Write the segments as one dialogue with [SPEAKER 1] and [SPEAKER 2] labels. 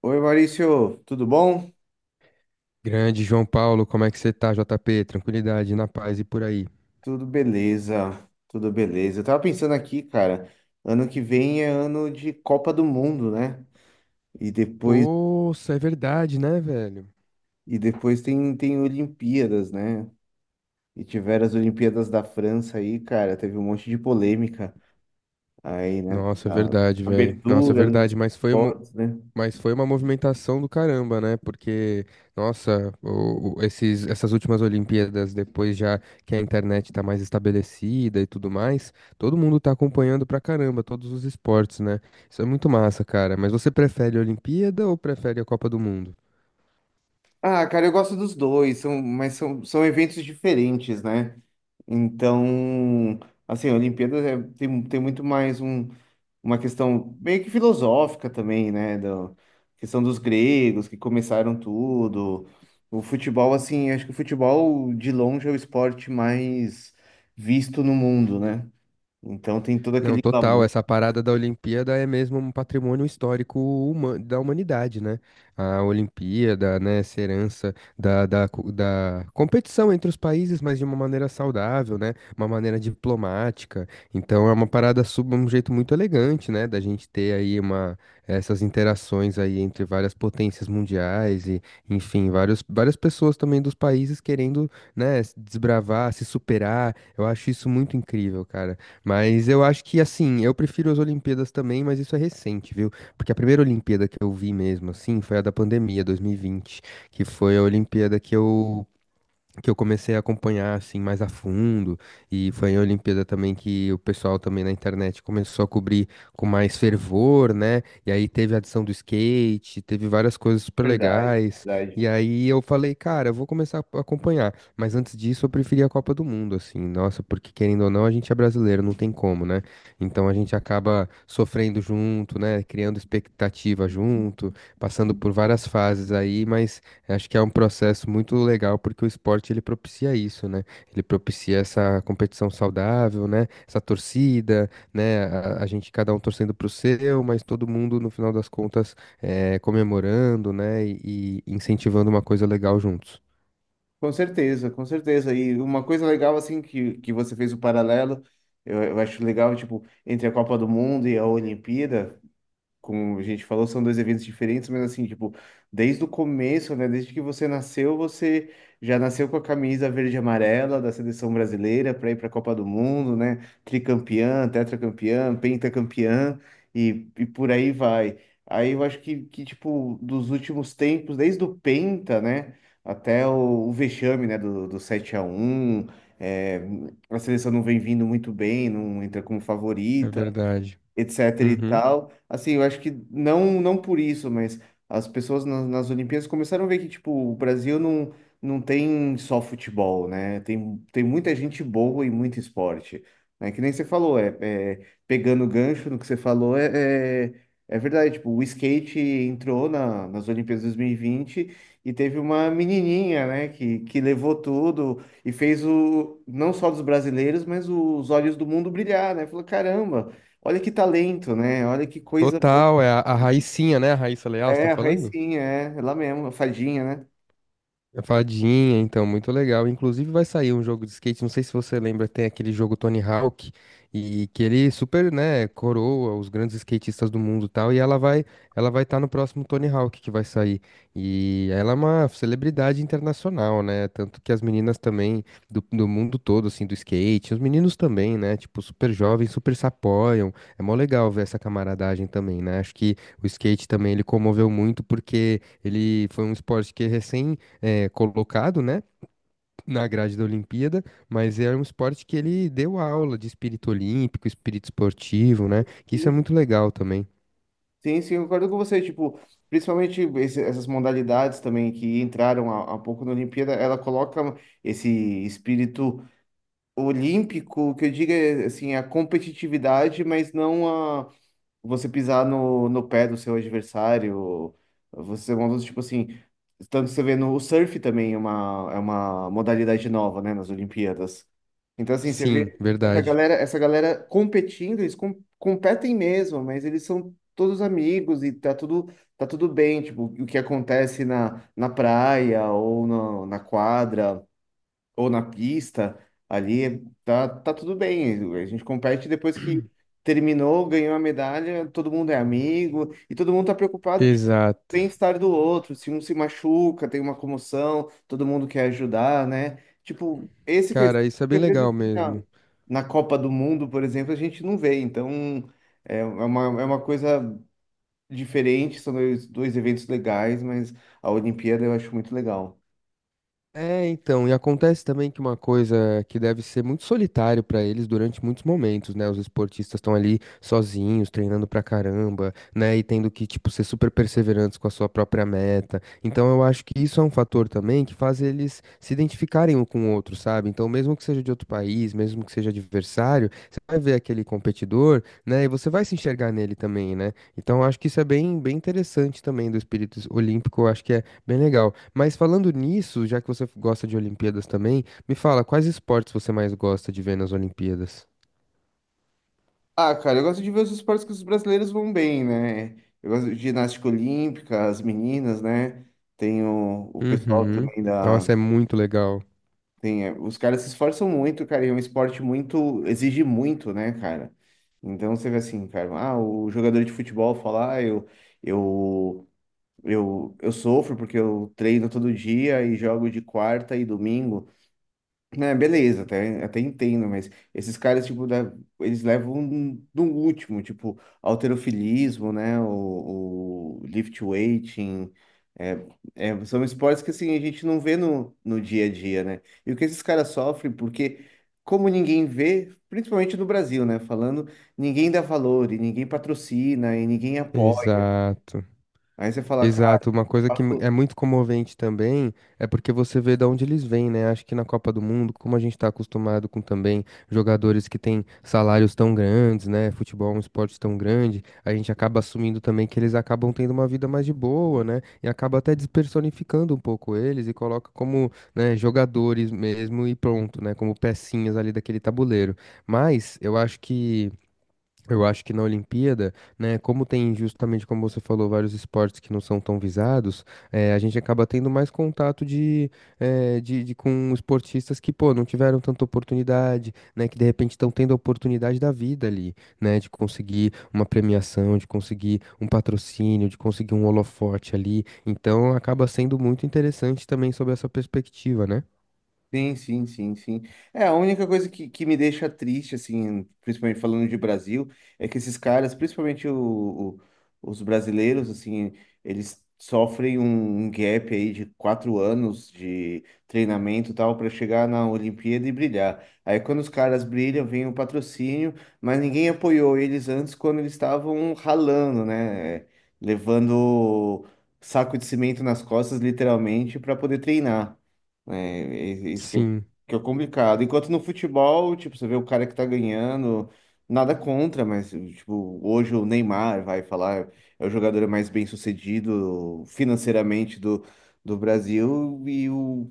[SPEAKER 1] Oi, Maurício, tudo bom?
[SPEAKER 2] Grande João Paulo, como é que você tá, JP? Tranquilidade, na paz e por aí.
[SPEAKER 1] Tudo beleza, tudo beleza. Eu tava pensando aqui, cara, ano que vem é ano de Copa do Mundo, né? E depois,
[SPEAKER 2] Poxa, é verdade, né, velho?
[SPEAKER 1] e depois tem Olimpíadas, né? E tiveram as Olimpíadas da França aí, cara, teve um monte de polêmica aí, né?
[SPEAKER 2] Nossa, é
[SPEAKER 1] Da
[SPEAKER 2] verdade, velho. Nossa, é
[SPEAKER 1] abertura dos
[SPEAKER 2] verdade,
[SPEAKER 1] esportes, né?
[SPEAKER 2] mas foi uma movimentação do caramba, né? Porque, nossa, essas últimas Olimpíadas, depois já que a internet tá mais estabelecida e tudo mais, todo mundo tá acompanhando pra caramba todos os esportes, né? Isso é muito massa, cara. Mas você prefere a Olimpíada ou prefere a Copa do Mundo?
[SPEAKER 1] Ah, cara, eu gosto dos dois, são, mas são, são eventos diferentes, né? Então, assim, a Olimpíadas é- tem, tem muito mais um. Uma questão meio que filosófica também, né? Da questão dos gregos que começaram tudo. O futebol, assim, acho que o futebol de longe é o esporte mais visto no mundo, né? Então tem todo
[SPEAKER 2] Não,
[SPEAKER 1] aquele
[SPEAKER 2] total.
[SPEAKER 1] clamor,
[SPEAKER 2] Essa parada da Olimpíada é mesmo um patrimônio histórico da humanidade, né? A Olimpíada, né, essa herança da competição entre os países, mas de uma maneira saudável, né? Uma maneira diplomática. Então é uma parada sub, um jeito muito elegante, né? Da gente ter essas interações aí entre várias potências mundiais e, enfim, várias pessoas também dos países querendo, né, desbravar, se superar. Eu acho isso muito incrível, cara. Mas eu acho que, assim, eu prefiro as Olimpíadas também, mas isso é recente, viu? Porque a primeira Olimpíada que eu vi mesmo, assim, foi a da pandemia, 2020, que foi a Olimpíada que eu comecei a acompanhar assim mais a fundo e foi a Olimpíada também que o pessoal também na internet começou a cobrir com mais fervor, né? E aí teve a adição do skate, teve várias coisas super
[SPEAKER 1] verdade,
[SPEAKER 2] legais.
[SPEAKER 1] verdade.
[SPEAKER 2] E aí eu falei, cara, eu vou começar a acompanhar, mas antes disso eu preferia a Copa do Mundo assim. Nossa, porque querendo ou não, a gente é brasileiro, não tem como, né? Então a gente acaba sofrendo junto, né? Criando expectativa junto, passando por várias fases aí, mas acho que é um processo muito legal porque o esporte ele propicia isso, né? Ele propicia essa competição saudável, né? Essa torcida, né? A gente cada um torcendo pro seu, mas todo mundo no final das contas comemorando, né? E incentivando uma coisa legal juntos.
[SPEAKER 1] Com certeza, com certeza. E uma coisa legal, assim, que você fez o paralelo, eu acho legal, tipo, entre a Copa do Mundo e a Olimpíada. Como a gente falou, são dois eventos diferentes, mas assim, tipo, desde o começo, né? Desde que você nasceu, você já nasceu com a camisa verde e amarela da seleção brasileira para ir para a Copa do Mundo, né? Tricampeã, tetracampeã, pentacampeã e por aí vai. Aí eu acho que tipo, dos últimos tempos, desde o Penta, né? Até o vexame, né? Do 7 a um é, a seleção não vem vindo muito bem, não entra como
[SPEAKER 2] É
[SPEAKER 1] favorita
[SPEAKER 2] verdade.
[SPEAKER 1] etc e
[SPEAKER 2] Uhum.
[SPEAKER 1] tal. Assim, eu acho que não por isso, mas as pessoas na- nas Olimpíadas começaram a ver que, tipo, o Brasil não tem só futebol, né? Tem, tem muita gente boa e muito esporte, né? Que nem você falou, é, é- pegando gancho no que você falou, é, é, é verdade, tipo, o skate entrou na, nas Olimpíadas 2020 e vinte e teve uma menininha, né, que levou tudo e fez o, não só dos brasileiros, mas os olhos do mundo brilhar, né? Falou, caramba, olha que talento, né? Olha que coisa boa.
[SPEAKER 2] Total, é a Raicinha, né? A Raíssa Leal, você tá
[SPEAKER 1] É, a
[SPEAKER 2] falando?
[SPEAKER 1] Raicinha, é, é lá mesmo, a fadinha, né?
[SPEAKER 2] A Fadinha, então, muito legal. Inclusive vai sair um jogo de skate, não sei se você lembra, tem aquele jogo Tony Hawk, e que ele super, né, coroa os grandes skatistas do mundo e tal, ela vai estar no próximo Tony Hawk que vai sair. E ela é uma celebridade internacional, né? Tanto que as meninas também do mundo todo, assim, do skate, os meninos também, né? Tipo, super jovens, super se apoiam. É mó legal ver essa camaradagem também, né? Acho que o skate também ele comoveu muito porque ele foi um esporte que recém colocado, né, na grade da Olimpíada, mas é um esporte que ele deu aula de espírito olímpico, espírito esportivo, né? Que isso é
[SPEAKER 1] Sim,
[SPEAKER 2] muito legal também.
[SPEAKER 1] sim, sim, eu concordo com você. Tipo, principalmente esse- essas modalidades também que entraram há pouco na Olimpíada, ela coloca esse espírito olímpico, que eu digo, é, assim, a competitividade, mas não a você pisar no, no pé do seu adversário, você é uma tipo assim, tanto você vê no o surf também é uma modalidade nova, né, nas Olimpíadas. Então, assim, você
[SPEAKER 2] Sim,
[SPEAKER 1] vê essa
[SPEAKER 2] verdade.
[SPEAKER 1] galera, essa galera competindo, eles com- competem mesmo, mas eles são todos amigos e tá tudo bem, tipo, o que acontece na, na praia ou no, na quadra, ou na pista, ali tá, tá tudo bem. A gente compete depois que terminou, ganhou a medalha, todo mundo é amigo e todo mundo tá preocupado tipo, com
[SPEAKER 2] Exato.
[SPEAKER 1] o bem-estar do outro. Se um se machuca, tem uma comoção, todo mundo quer ajudar, né? Tipo, esse que
[SPEAKER 2] Cara, isso é
[SPEAKER 1] que
[SPEAKER 2] bem
[SPEAKER 1] às vezes
[SPEAKER 2] legal
[SPEAKER 1] assim, na,
[SPEAKER 2] mesmo.
[SPEAKER 1] na Copa do Mundo, por exemplo, a gente não vê. Então, é uma, é uma coisa diferente, são dois, dois eventos legais, mas a Olimpíada eu acho muito legal.
[SPEAKER 2] É, então, e acontece também que uma coisa que deve ser muito solitário pra eles durante muitos momentos, né? Os esportistas estão ali sozinhos, treinando pra caramba, né? E tendo que, tipo, ser super perseverantes com a sua própria meta. Então, eu acho que isso é um fator também que faz eles se identificarem um com o outro, sabe? Então, mesmo que seja de outro país, mesmo que seja adversário, você vai ver aquele competidor, né? E você vai se enxergar nele também, né? Então, eu acho que isso é bem, bem interessante também do espírito olímpico, eu acho que é bem legal. Mas falando nisso, já que você gosta de Olimpíadas também, me fala, quais esportes você mais gosta de ver nas Olimpíadas?
[SPEAKER 1] Ah, cara, eu gosto de ver os esportes que os brasileiros vão bem, né? Eu gosto de ginástica olímpica, as meninas, né? Tem o pessoal
[SPEAKER 2] Uhum.
[SPEAKER 1] também da.
[SPEAKER 2] Nossa, é muito legal.
[SPEAKER 1] Tem, os caras se esforçam muito, cara, e é um esporte muito. Exige muito, né, cara? Então você vê assim, cara, ah, o jogador de futebol fala, ah, eu, eu sofro porque eu treino todo dia e jogo de quarta e domingo. É, beleza, até entendo, mas esses caras, tipo, da- eles levam no último, tipo, halterofilismo, né, o lift weighting, é, é, são esportes que, assim, a gente não vê no, no dia a dia, né, e o que esses caras sofrem, porque como ninguém vê, principalmente no Brasil, né, falando, ninguém dá valor, e ninguém patrocina, e ninguém apoia,
[SPEAKER 2] Exato.
[SPEAKER 1] aí você fala, cara,
[SPEAKER 2] Exato, uma coisa que é
[SPEAKER 1] faço-
[SPEAKER 2] muito comovente também é porque você vê de onde eles vêm, né? Acho que na Copa do Mundo, como a gente está acostumado com também jogadores que têm salários tão grandes, né? Futebol é um esporte tão grande, a gente acaba assumindo também que eles acabam tendo uma vida mais de boa, né? E acaba até despersonificando um pouco eles e coloca como, né, jogadores mesmo e pronto, né? Como pecinhas ali daquele tabuleiro. Mas eu acho que. Eu acho que na Olimpíada, né, como tem justamente como você falou, vários esportes que não são tão visados, a gente acaba tendo mais contato de com esportistas que, pô, não tiveram tanta oportunidade, né, que de repente estão tendo a oportunidade da vida ali, né, de conseguir uma premiação, de conseguir um patrocínio, de conseguir um holofote ali. Então acaba sendo muito interessante também sob essa perspectiva, né?
[SPEAKER 1] Sim, sim. É, a única coisa que me deixa triste, assim, principalmente falando de Brasil, é que esses caras, principalmente o os brasileiros, assim, eles sofrem um, um gap aí de quatro anos de treinamento e tal para chegar na Olimpíada e brilhar. Aí quando os caras brilham, vem o patrocínio, mas ninguém apoiou eles antes quando eles estavam ralando, né? Levando saco de cimento nas costas, literalmente, para poder treinar né? É, é isso que, eu,
[SPEAKER 2] Sim,
[SPEAKER 1] que é o complicado. Enquanto no futebol, tipo, você vê o cara que tá ganhando, nada contra, mas, tipo, hoje o Neymar vai falar, é o jogador mais bem-sucedido financeiramente do Brasil e o,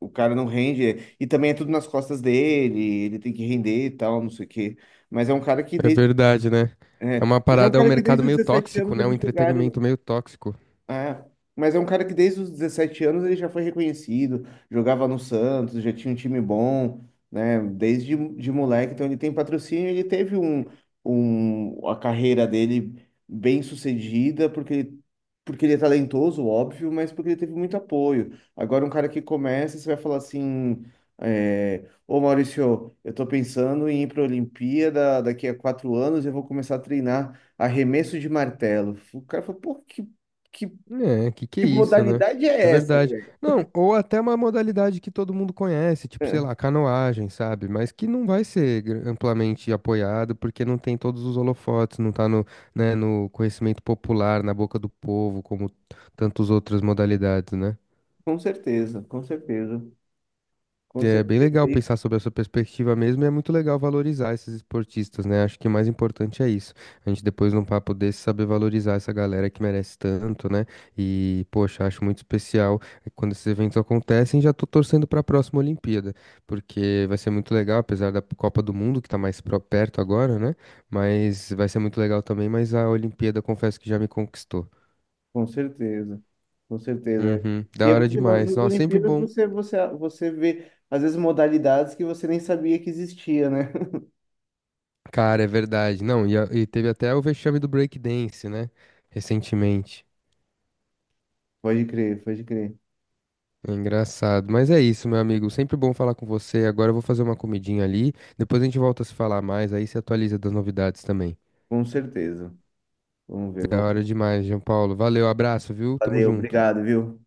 [SPEAKER 1] o cara não rende. E também é tudo nas costas dele, ele tem que render e tal, não sei o quê. Mas é um cara que
[SPEAKER 2] é
[SPEAKER 1] desde,
[SPEAKER 2] verdade, né? É uma
[SPEAKER 1] mas é um
[SPEAKER 2] parada, é um
[SPEAKER 1] cara que
[SPEAKER 2] mercado
[SPEAKER 1] desde os
[SPEAKER 2] meio
[SPEAKER 1] 17
[SPEAKER 2] tóxico,
[SPEAKER 1] anos
[SPEAKER 2] né? Um
[SPEAKER 1] eles jogaram.
[SPEAKER 2] entretenimento meio tóxico.
[SPEAKER 1] É, mas é um cara que desde os 17 anos ele já foi reconhecido, jogava no Santos, já tinha um time bom, né? Desde de moleque, então ele tem patrocínio, ele teve um, um, a carreira dele bem sucedida, porque ele é talentoso, óbvio, mas porque ele teve muito apoio. Agora um cara que começa, você vai falar assim, é, ô Maurício, eu tô pensando em ir para a Olimpíada daqui a quatro anos, eu vou começar a treinar arremesso de martelo. O cara falou, pô, Que
[SPEAKER 2] É, que é
[SPEAKER 1] que
[SPEAKER 2] isso, né?
[SPEAKER 1] modalidade
[SPEAKER 2] É
[SPEAKER 1] é essa,
[SPEAKER 2] verdade.
[SPEAKER 1] Greg?
[SPEAKER 2] Não, ou até uma modalidade que todo mundo conhece, tipo, sei
[SPEAKER 1] É,
[SPEAKER 2] lá, canoagem, sabe? Mas que não vai ser amplamente apoiado porque não tem todos os holofotes, não tá no, né, no conhecimento popular, na boca do povo, como tantas outras modalidades, né?
[SPEAKER 1] com certeza, com certeza,
[SPEAKER 2] É bem legal
[SPEAKER 1] e-
[SPEAKER 2] pensar sobre essa perspectiva mesmo, e é muito legal valorizar esses esportistas, né? Acho que o mais importante é isso. A gente depois num papo desse saber valorizar essa galera que merece tanto, né? E, poxa, acho muito especial quando esses eventos acontecem, já tô torcendo para a próxima Olimpíada, porque vai ser muito legal, apesar da Copa do Mundo que tá mais perto agora, né? Mas vai ser muito legal também, mas a Olimpíada confesso que já me conquistou.
[SPEAKER 1] com certeza, com certeza.
[SPEAKER 2] Uhum,
[SPEAKER 1] E
[SPEAKER 2] da
[SPEAKER 1] é bom
[SPEAKER 2] hora
[SPEAKER 1] que nas
[SPEAKER 2] demais.
[SPEAKER 1] nas
[SPEAKER 2] Nossa, sempre
[SPEAKER 1] Olimpíadas
[SPEAKER 2] bom.
[SPEAKER 1] você vê, às vezes, modalidades que você nem sabia que existia, né?
[SPEAKER 2] Cara, é verdade. Não, e, e teve até o vexame do breakdance, né? Recentemente.
[SPEAKER 1] Pode crer, pode crer.
[SPEAKER 2] É engraçado. Mas é isso, meu amigo. Sempre bom falar com você. Agora eu vou fazer uma comidinha ali. Depois a gente volta a se falar mais. Aí se atualiza das novidades também.
[SPEAKER 1] Com certeza. Vamos ver,
[SPEAKER 2] Da hora
[SPEAKER 1] vamos.
[SPEAKER 2] demais, João Paulo. Valeu, abraço, viu? Tamo
[SPEAKER 1] Valeu,
[SPEAKER 2] junto.
[SPEAKER 1] obrigado, viu?